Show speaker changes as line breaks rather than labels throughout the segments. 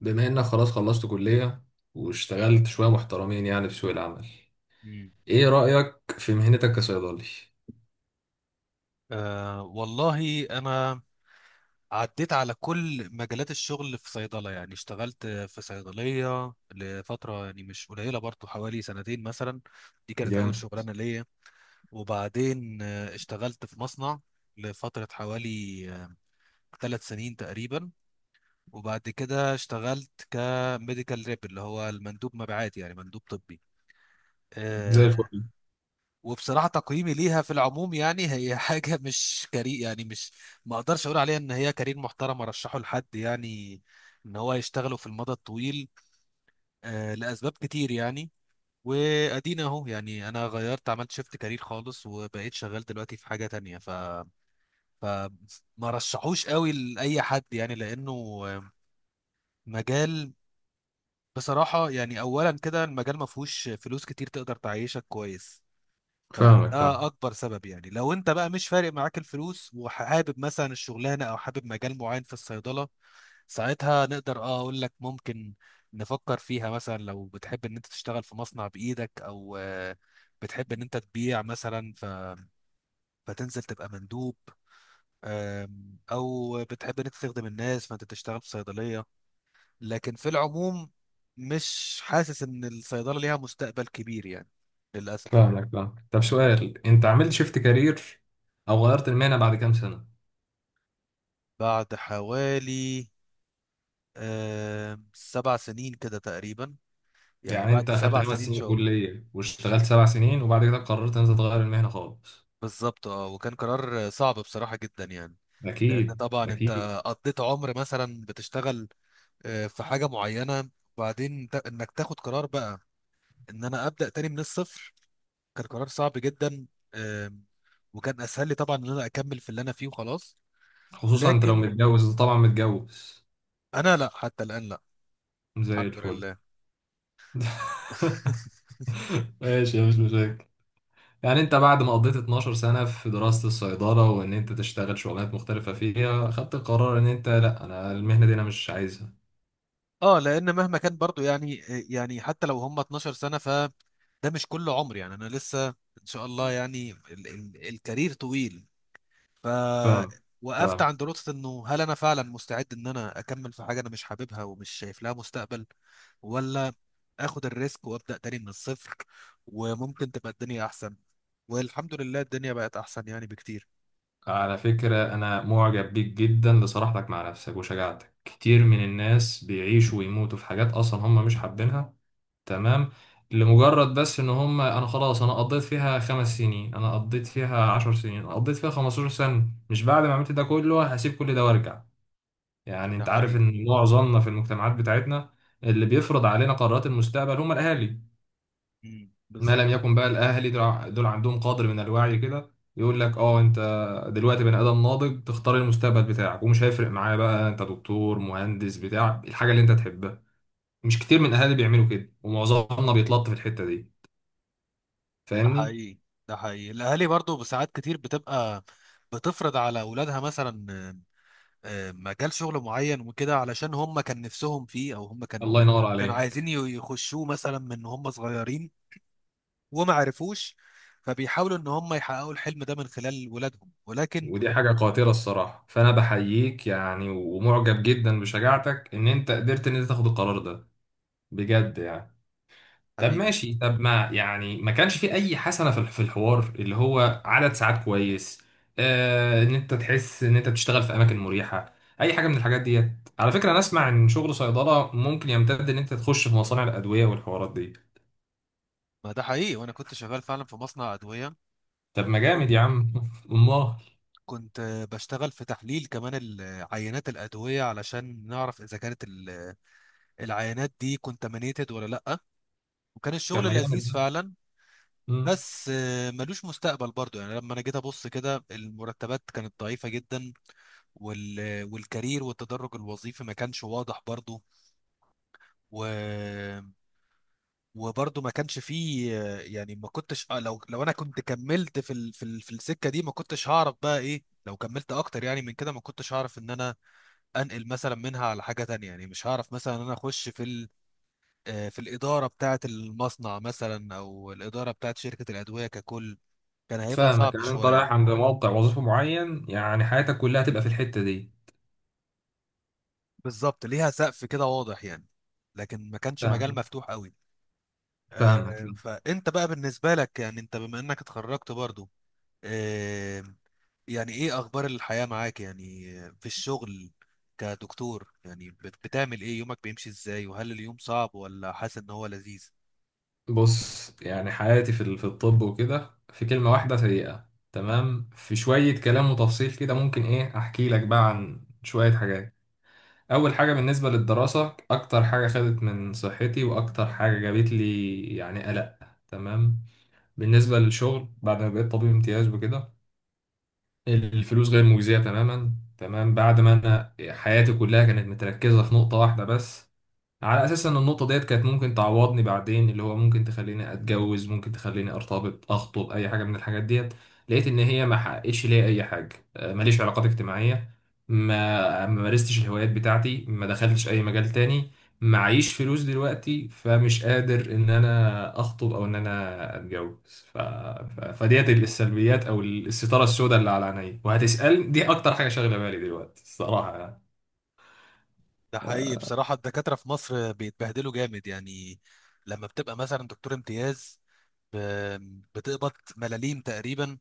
بما انك خلاص خلصت كلية، واشتغلت شوية محترمين يعني في سوق العمل.
مم.
ايه رأيك في مهنتك كصيدلي؟
أه والله أنا عديت على كل مجالات الشغل في صيدلة، يعني اشتغلت في صيدلية لفترة يعني مش قليلة برضو، حوالي سنتين مثلا. دي كانت أول
جامد.
شغلانة ليا. وبعدين اشتغلت في مصنع لفترة حوالي 3 سنين تقريبا. وبعد كده اشتغلت كميديكال ريب، اللي هو المندوب مبيعات، يعني مندوب طبي
زي
آه،
الفل.
وبصراحة تقييمي ليها في العموم يعني هي حاجة مش كارير، يعني مش ما اقدرش اقول عليها ان هي كارير محترم ارشحه لحد، يعني ان هو يشتغله في المدى الطويل. لاسباب كتير يعني. وادينا اهو، يعني انا غيرت، عملت شيفت كارير خالص وبقيت شغال دلوقتي في حاجة تانية ف ف ما رشحوش قوي لاي حد يعني، لانه آه، مجال، بصراحة يعني، اولا كده المجال ما فيهوش فلوس كتير تقدر تعيشك كويس. فده
فاهمك، فاهمك.
اكبر سبب، يعني لو انت بقى مش فارق معاك الفلوس وحابب مثلا الشغلانه او حابب مجال معين في الصيدله، ساعتها نقدر اقول لك ممكن نفكر فيها. مثلا لو بتحب ان انت تشتغل في مصنع بايدك، او بتحب ان انت تبيع مثلا، فتنزل تبقى مندوب. او بتحب ان انت تخدم الناس، فانت تشتغل في صيدليه. لكن في العموم مش حاسس ان الصيدله ليها مستقبل كبير يعني، للاسف.
فاهمك، فاهمك. طب سؤال، انت عملت شيفت كارير او غيرت المهنة بعد كام سنة؟
بعد حوالي 7 سنين كده تقريبا، يعني
يعني
بعد
انت اخدت
سبع
خمس
سنين
سنين
شغل.
كلية واشتغلت 7 سنين وبعد كده قررت ان انت تغير المهنة خالص.
بالظبط، اه، وكان قرار صعب بصراحة جدا يعني. لأن
اكيد
طبعا أنت
اكيد.
قضيت عمر مثلا بتشتغل في حاجة معينة، وبعدين إنك تاخد قرار بقى إن أنا أبدأ تاني من الصفر، كان قرار صعب جدا آم، وكان أسهل لي طبعا إن أنا أكمل في اللي أنا فيه وخلاص.
خصوصا انت لو
لكن
متجوز. انت طبعا متجوز؟
أنا لا، حتى الآن لا.
زي
الحمد
الفل.
لله.
ماشي، مش مشاكل. يعني انت بعد ما قضيت 12 سنة في دراسة الصيدلة وان انت تشتغل شغلانات مختلفة فيها، خدت قرار ان انت لا، انا المهنة دي انا مش عايزها.
اه، لان مهما كان برضو يعني حتى لو هم 12 سنه، فده مش كل عمر، يعني انا لسه ان شاء الله، يعني ال الكارير طويل. ف
فاهم.
وقفت
فاهم.
عند نقطه، انه هل انا فعلا مستعد ان انا اكمل في حاجه انا مش حاببها ومش شايف لها مستقبل، ولا اخد الريسك وابدا تاني من الصفر وممكن تبقى الدنيا احسن؟ والحمد لله، الدنيا بقت احسن يعني بكتير.
على فكرة، انا معجب بيك جدا لصراحتك مع نفسك وشجاعتك. كتير من الناس بيعيشوا ويموتوا في حاجات اصلا هم مش حابينها. تمام. لمجرد بس ان هم، انا خلاص انا قضيت فيها 5 سنين، انا قضيت فيها 10 سنين، انا قضيت فيها 15 سنة، مش بعد ما عملت ده كله هسيب كل ده وارجع. يعني
ده
انت عارف
حقيقي.
ان معظمنا في المجتمعات بتاعتنا اللي بيفرض علينا قرارات المستقبل هم الاهالي.
مم،
ما
بالظبط.
لم يكن بقى الاهالي دول عندهم قدر من الوعي كده، يقول لك اه انت دلوقتي بني ادم ناضج، تختار المستقبل بتاعك ومش هيفرق معايا بقى انت دكتور مهندس بتاع الحاجه اللي انت تحبها. مش كتير من الاهالي بيعملوا كده، ومعظمنا بيتلط في الحته دي.
ده
فاهمني؟
حقيقي، ده حقيقي. الاهالي برضو بساعات كتير بتفرض على اولادها مثلا مجال شغل معين وكده، علشان هم كان نفسهم فيه، او هم
الله ينور
كانوا عايزين
عليك.
يخشوه مثلا من هم صغيرين وما عرفوش. فبيحاولوا ان هم يحققوا الحلم ده من خلال ولادهم، ولكن...
ودي حاجه قاتله الصراحه، فانا بحييك يعني، ومعجب جدا بشجاعتك ان انت قدرت ان انت تاخد القرار ده بجد يعني. طب
حبيبي.
ماشي، طب ما يعني ما كانش في اي حسنه في الحوار اللي هو عدد ساعات كويس؟ ان انت تحس ان انت بتشتغل في اماكن مريحه، اي حاجه من الحاجات ديت. على فكره، انا اسمع ان شغل صيدله ممكن يمتد ان انت تخش في مصانع الادويه والحوارات دي.
ما ده حقيقي، وانا كنت شغال فعلا في مصنع ادويه.
طب ما
كنت
جامد يا عم! امال.
كنت بشتغل في تحليل كمان عينات الادويه علشان نعرف اذا كانت العينات دي كونتامينيتد ولا لا. وكان
طب ما
الشغل
جامد
لذيذ
ده.
فعلا.
مم.
بس ملوش مستقبل برضو، يعني لما انا جيت ابص كده، المرتبات كانت ضعيفة جدا. وال... والكارير والتدرج الوظيفي ما كانش واضح برضو و... وبرضو ما كانش فيه يعني ما كنتش لو انا كنت كملت في السكة دي، ما كنتش هعرف بقى ايه لو كملت اكتر يعني من كده، ما كنتش هعرف ان انا انقل مثلا منها على حاجة تانية، يعني مش هعرف مثلا ان انا اخش في ال... آه، في الإدارة بتاعة المصنع مثلا، أو الإدارة بتاعة شركة الأدوية ككل، كان هيبقى
فاهمك،
صعب
يعني انت
شوية.
رايح عند موقع وظيفه معين، يعني حياتك كلها تبقى في الحته دي.
بالظبط، ليها سقف كده واضح يعني، لكن ما كانش مجال
فاهم.
مفتوح قوي.
فاهمك.
فانت بقى بالنسبة لك، يعني انت بما انك اتخرجت برضو، آه، يعني ايه اخبار الحياة معاك، يعني في الشغل كدكتور؟ يعني بتعمل ايه؟ يومك بيمشي ازاي، وهل اليوم صعب ولا حاسس ان هو لذيذ؟
بص، يعني حياتي في الطب وكده في كلمة واحدة سيئة. تمام، في شوية كلام وتفصيل كده ممكن ايه احكي لك بقى عن شوية حاجات. اول حاجة، بالنسبة للدراسة اكتر حاجة خدت من صحتي واكتر حاجة جابت لي يعني قلق. تمام. بالنسبة للشغل، بعد ما بقيت طبيب امتياز وكده الفلوس غير مجزية تماما. تمام. بعد ما انا حياتي كلها كانت متركزة في نقطة واحدة بس، على اساس ان النقطه ديت كانت ممكن تعوضني بعدين، اللي هو ممكن تخليني اتجوز، ممكن تخليني ارتبط، اخطب، اي حاجه من الحاجات ديت. لقيت ان هي ما حققتش ليا اي حاجه. ماليش علاقات اجتماعيه. ما مارستش الهوايات بتاعتي، ما دخلتش اي مجال تاني. معيش فلوس دلوقتي، فمش قادر ان انا اخطب او ان انا اتجوز. فديت السلبيات او الستاره السوداء اللي على عيني وهتسال دي اكتر حاجه شاغله بالي دلوقتي الصراحه يعني.
ده حقيقي، بصراحة، الدكاترة في مصر بيتبهدلوا جامد يعني. لما بتبقى مثلا دكتور امتياز، بتقبض ملاليم تقريبا،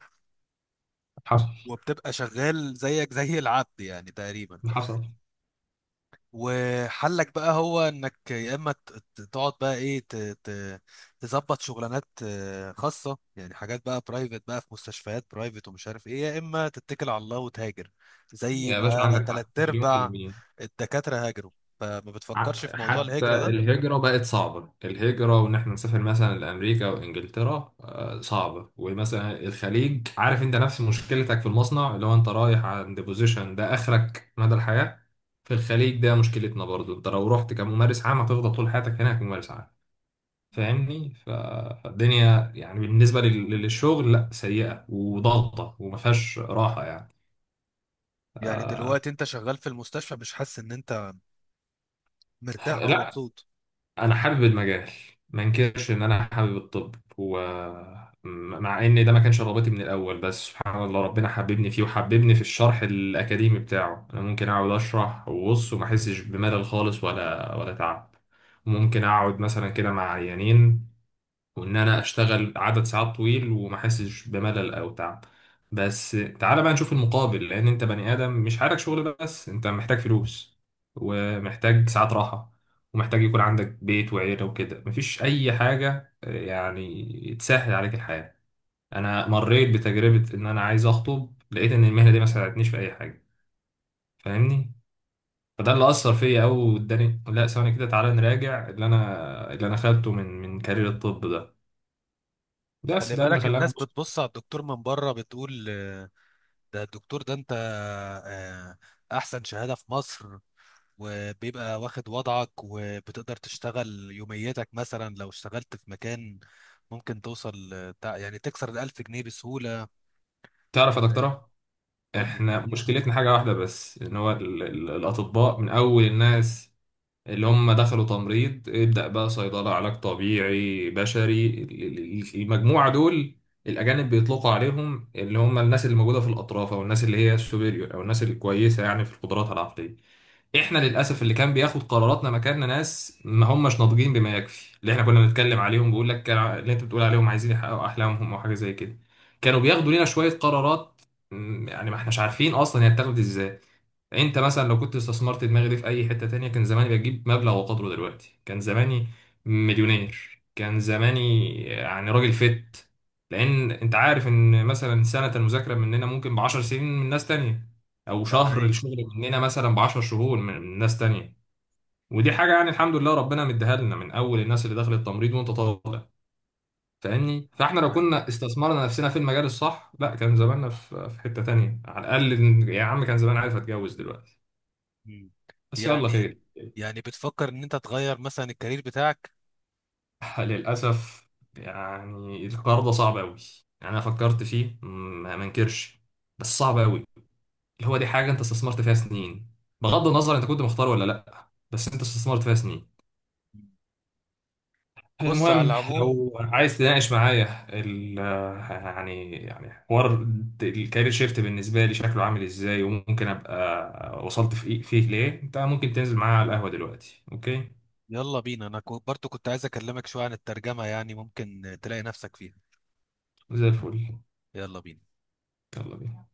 حصل.
وبتبقى شغال زيك زي العبد يعني تقريبا.
حصل.
وحلك بقى هو انك يا اما تقعد بقى، ايه، ت- تظبط شغلانات خاصه، يعني حاجات بقى برايفت بقى في مستشفيات برايفت ومش عارف ايه، يا اما تتكل على الله وتهاجر، زي
يا باشا،
ما
عندك
تلات
حق مليون في
ارباع
المية.
الدكاتره هاجروا. فما بتفكرش في موضوع
حتى
الهجره ده؟
الهجرة بقت صعبة، الهجرة وإن إحنا نسافر مثلا لأمريكا وإنجلترا صعبة. ومثلا الخليج، عارف أنت نفس مشكلتك في المصنع، اللي هو أنت رايح عند بوزيشن ده آخرك مدى الحياة. في الخليج ده مشكلتنا برضو، أنت لو رحت كممارس عام هتفضل طول حياتك هناك ممارس عام. فاهمني؟ فالدنيا يعني بالنسبة للشغل، لا، سيئة وضغطة وما فيهاش راحة يعني.
يعني دلوقتي انت شغال في المستشفى، مش حاسس ان انت مرتاح او
لا،
مبسوط؟
انا حابب المجال. ما انكرش ان انا حابب الطب، ومع ان ده ما كانش رغبتي من الاول بس سبحان الله ربنا حببني فيه وحببني في الشرح الاكاديمي بتاعه. انا ممكن اقعد اشرح وبص وما احسش بملل خالص ولا تعب. ممكن اقعد مثلا كده مع عيانين وان انا اشتغل عدد ساعات طويل وما احسش بملل او تعب. بس تعالى بقى نشوف المقابل، لان انت بني ادم مش حالك شغل بس، انت محتاج فلوس ومحتاج ساعات راحة ومحتاج يكون عندك بيت وعيلة وكده. مفيش اي حاجة يعني تسهل عليك الحياة. انا مريت بتجربة ان انا عايز اخطب، لقيت ان المهنة دي ما ساعدتنيش في اي حاجة. فاهمني؟ فده اللي اثر فيا قوي واداني. لا، ثواني كده، تعالى نراجع اللي انا خدته من كارير الطب ده، بس
خلي
ده اللي
بالك، الناس
خلاني.
بتبص على الدكتور من بره، بتقول ده الدكتور، ده انت آه، احسن شهادة في مصر، وبيبقى واخد وضعك، وبتقدر تشتغل يوميتك مثلا لو اشتغلت في مكان ممكن توصل يعني تكسر الألف جنيه بسهولة.
تعرف يا دكتورة،
قول لي.
احنا مشكلتنا حاجة واحدة بس، ان هو الاطباء من اول الناس اللي هم دخلوا تمريض ابدأ بقى صيدلة علاج طبيعي بشري، المجموعة دول الاجانب بيطلقوا عليهم اللي هم الناس اللي موجودة في الاطراف، او الناس اللي هي السوبيريور، او الناس الكويسة يعني في قدراتها العقلية. احنا للاسف اللي كان بياخد قراراتنا مكاننا ناس ما هماش ناضجين بما يكفي، اللي احنا كنا بنتكلم عليهم بيقول لك كان اللي انت بتقول عليهم عايزين يحققوا احلامهم او حاجه زي كده. كانوا بياخدوا لنا شويه قرارات. يعني ما احناش عارفين اصلا هي اتاخدت ازاي. انت مثلا لو كنت استثمرت دماغي دي في اي حتة تانية كان زماني بجيب مبلغ وقدره دلوقتي، كان زماني مليونير، كان زماني يعني راجل فت. لان انت عارف ان مثلا سنة المذاكرة مننا ممكن ب10 سنين من ناس تانية، او
ده
شهر
حقيقي.
الشغل مننا مثلا ب10 شهور من ناس تانية. ودي حاجة يعني الحمد لله ربنا مديها لنا من اول الناس اللي دخلت التمريض وانت طالع. فاهمني؟ فاحنا
ده
لو
حقيقي.
كنا استثمرنا نفسنا في المجال الصح، لا كان زماننا في حتة تانية. على الاقل يا عم كان زمان عارف اتجوز دلوقتي.
مم.
بس يلا
يعني
خير.
يعني بتفكر ان انت تغير مثلا الكارير بتاعك؟
للأسف، يعني القرار ده صعب أوي، يعني أنا فكرت فيه ما منكرش، بس صعب أوي. اللي هو دي حاجة أنت استثمرت فيها سنين، بغض النظر أنت كنت مختار ولا لأ، بس أنت استثمرت فيها سنين.
بص، على
المهم
العموم
لو عايز تناقش معايا ال، يعني حوار الكارير شيفت بالنسبة لي شكله عامل إزاي وممكن أبقى وصلت فيه ليه، أنت ممكن تنزل معايا على القهوة دلوقتي، أوكي؟
يلا بينا، انا برضو كنت عايز اكلمك شوية عن الترجمة، يعني ممكن تلاقي نفسك فيها.
زي الفل.
يلا بينا.
يلا بينا.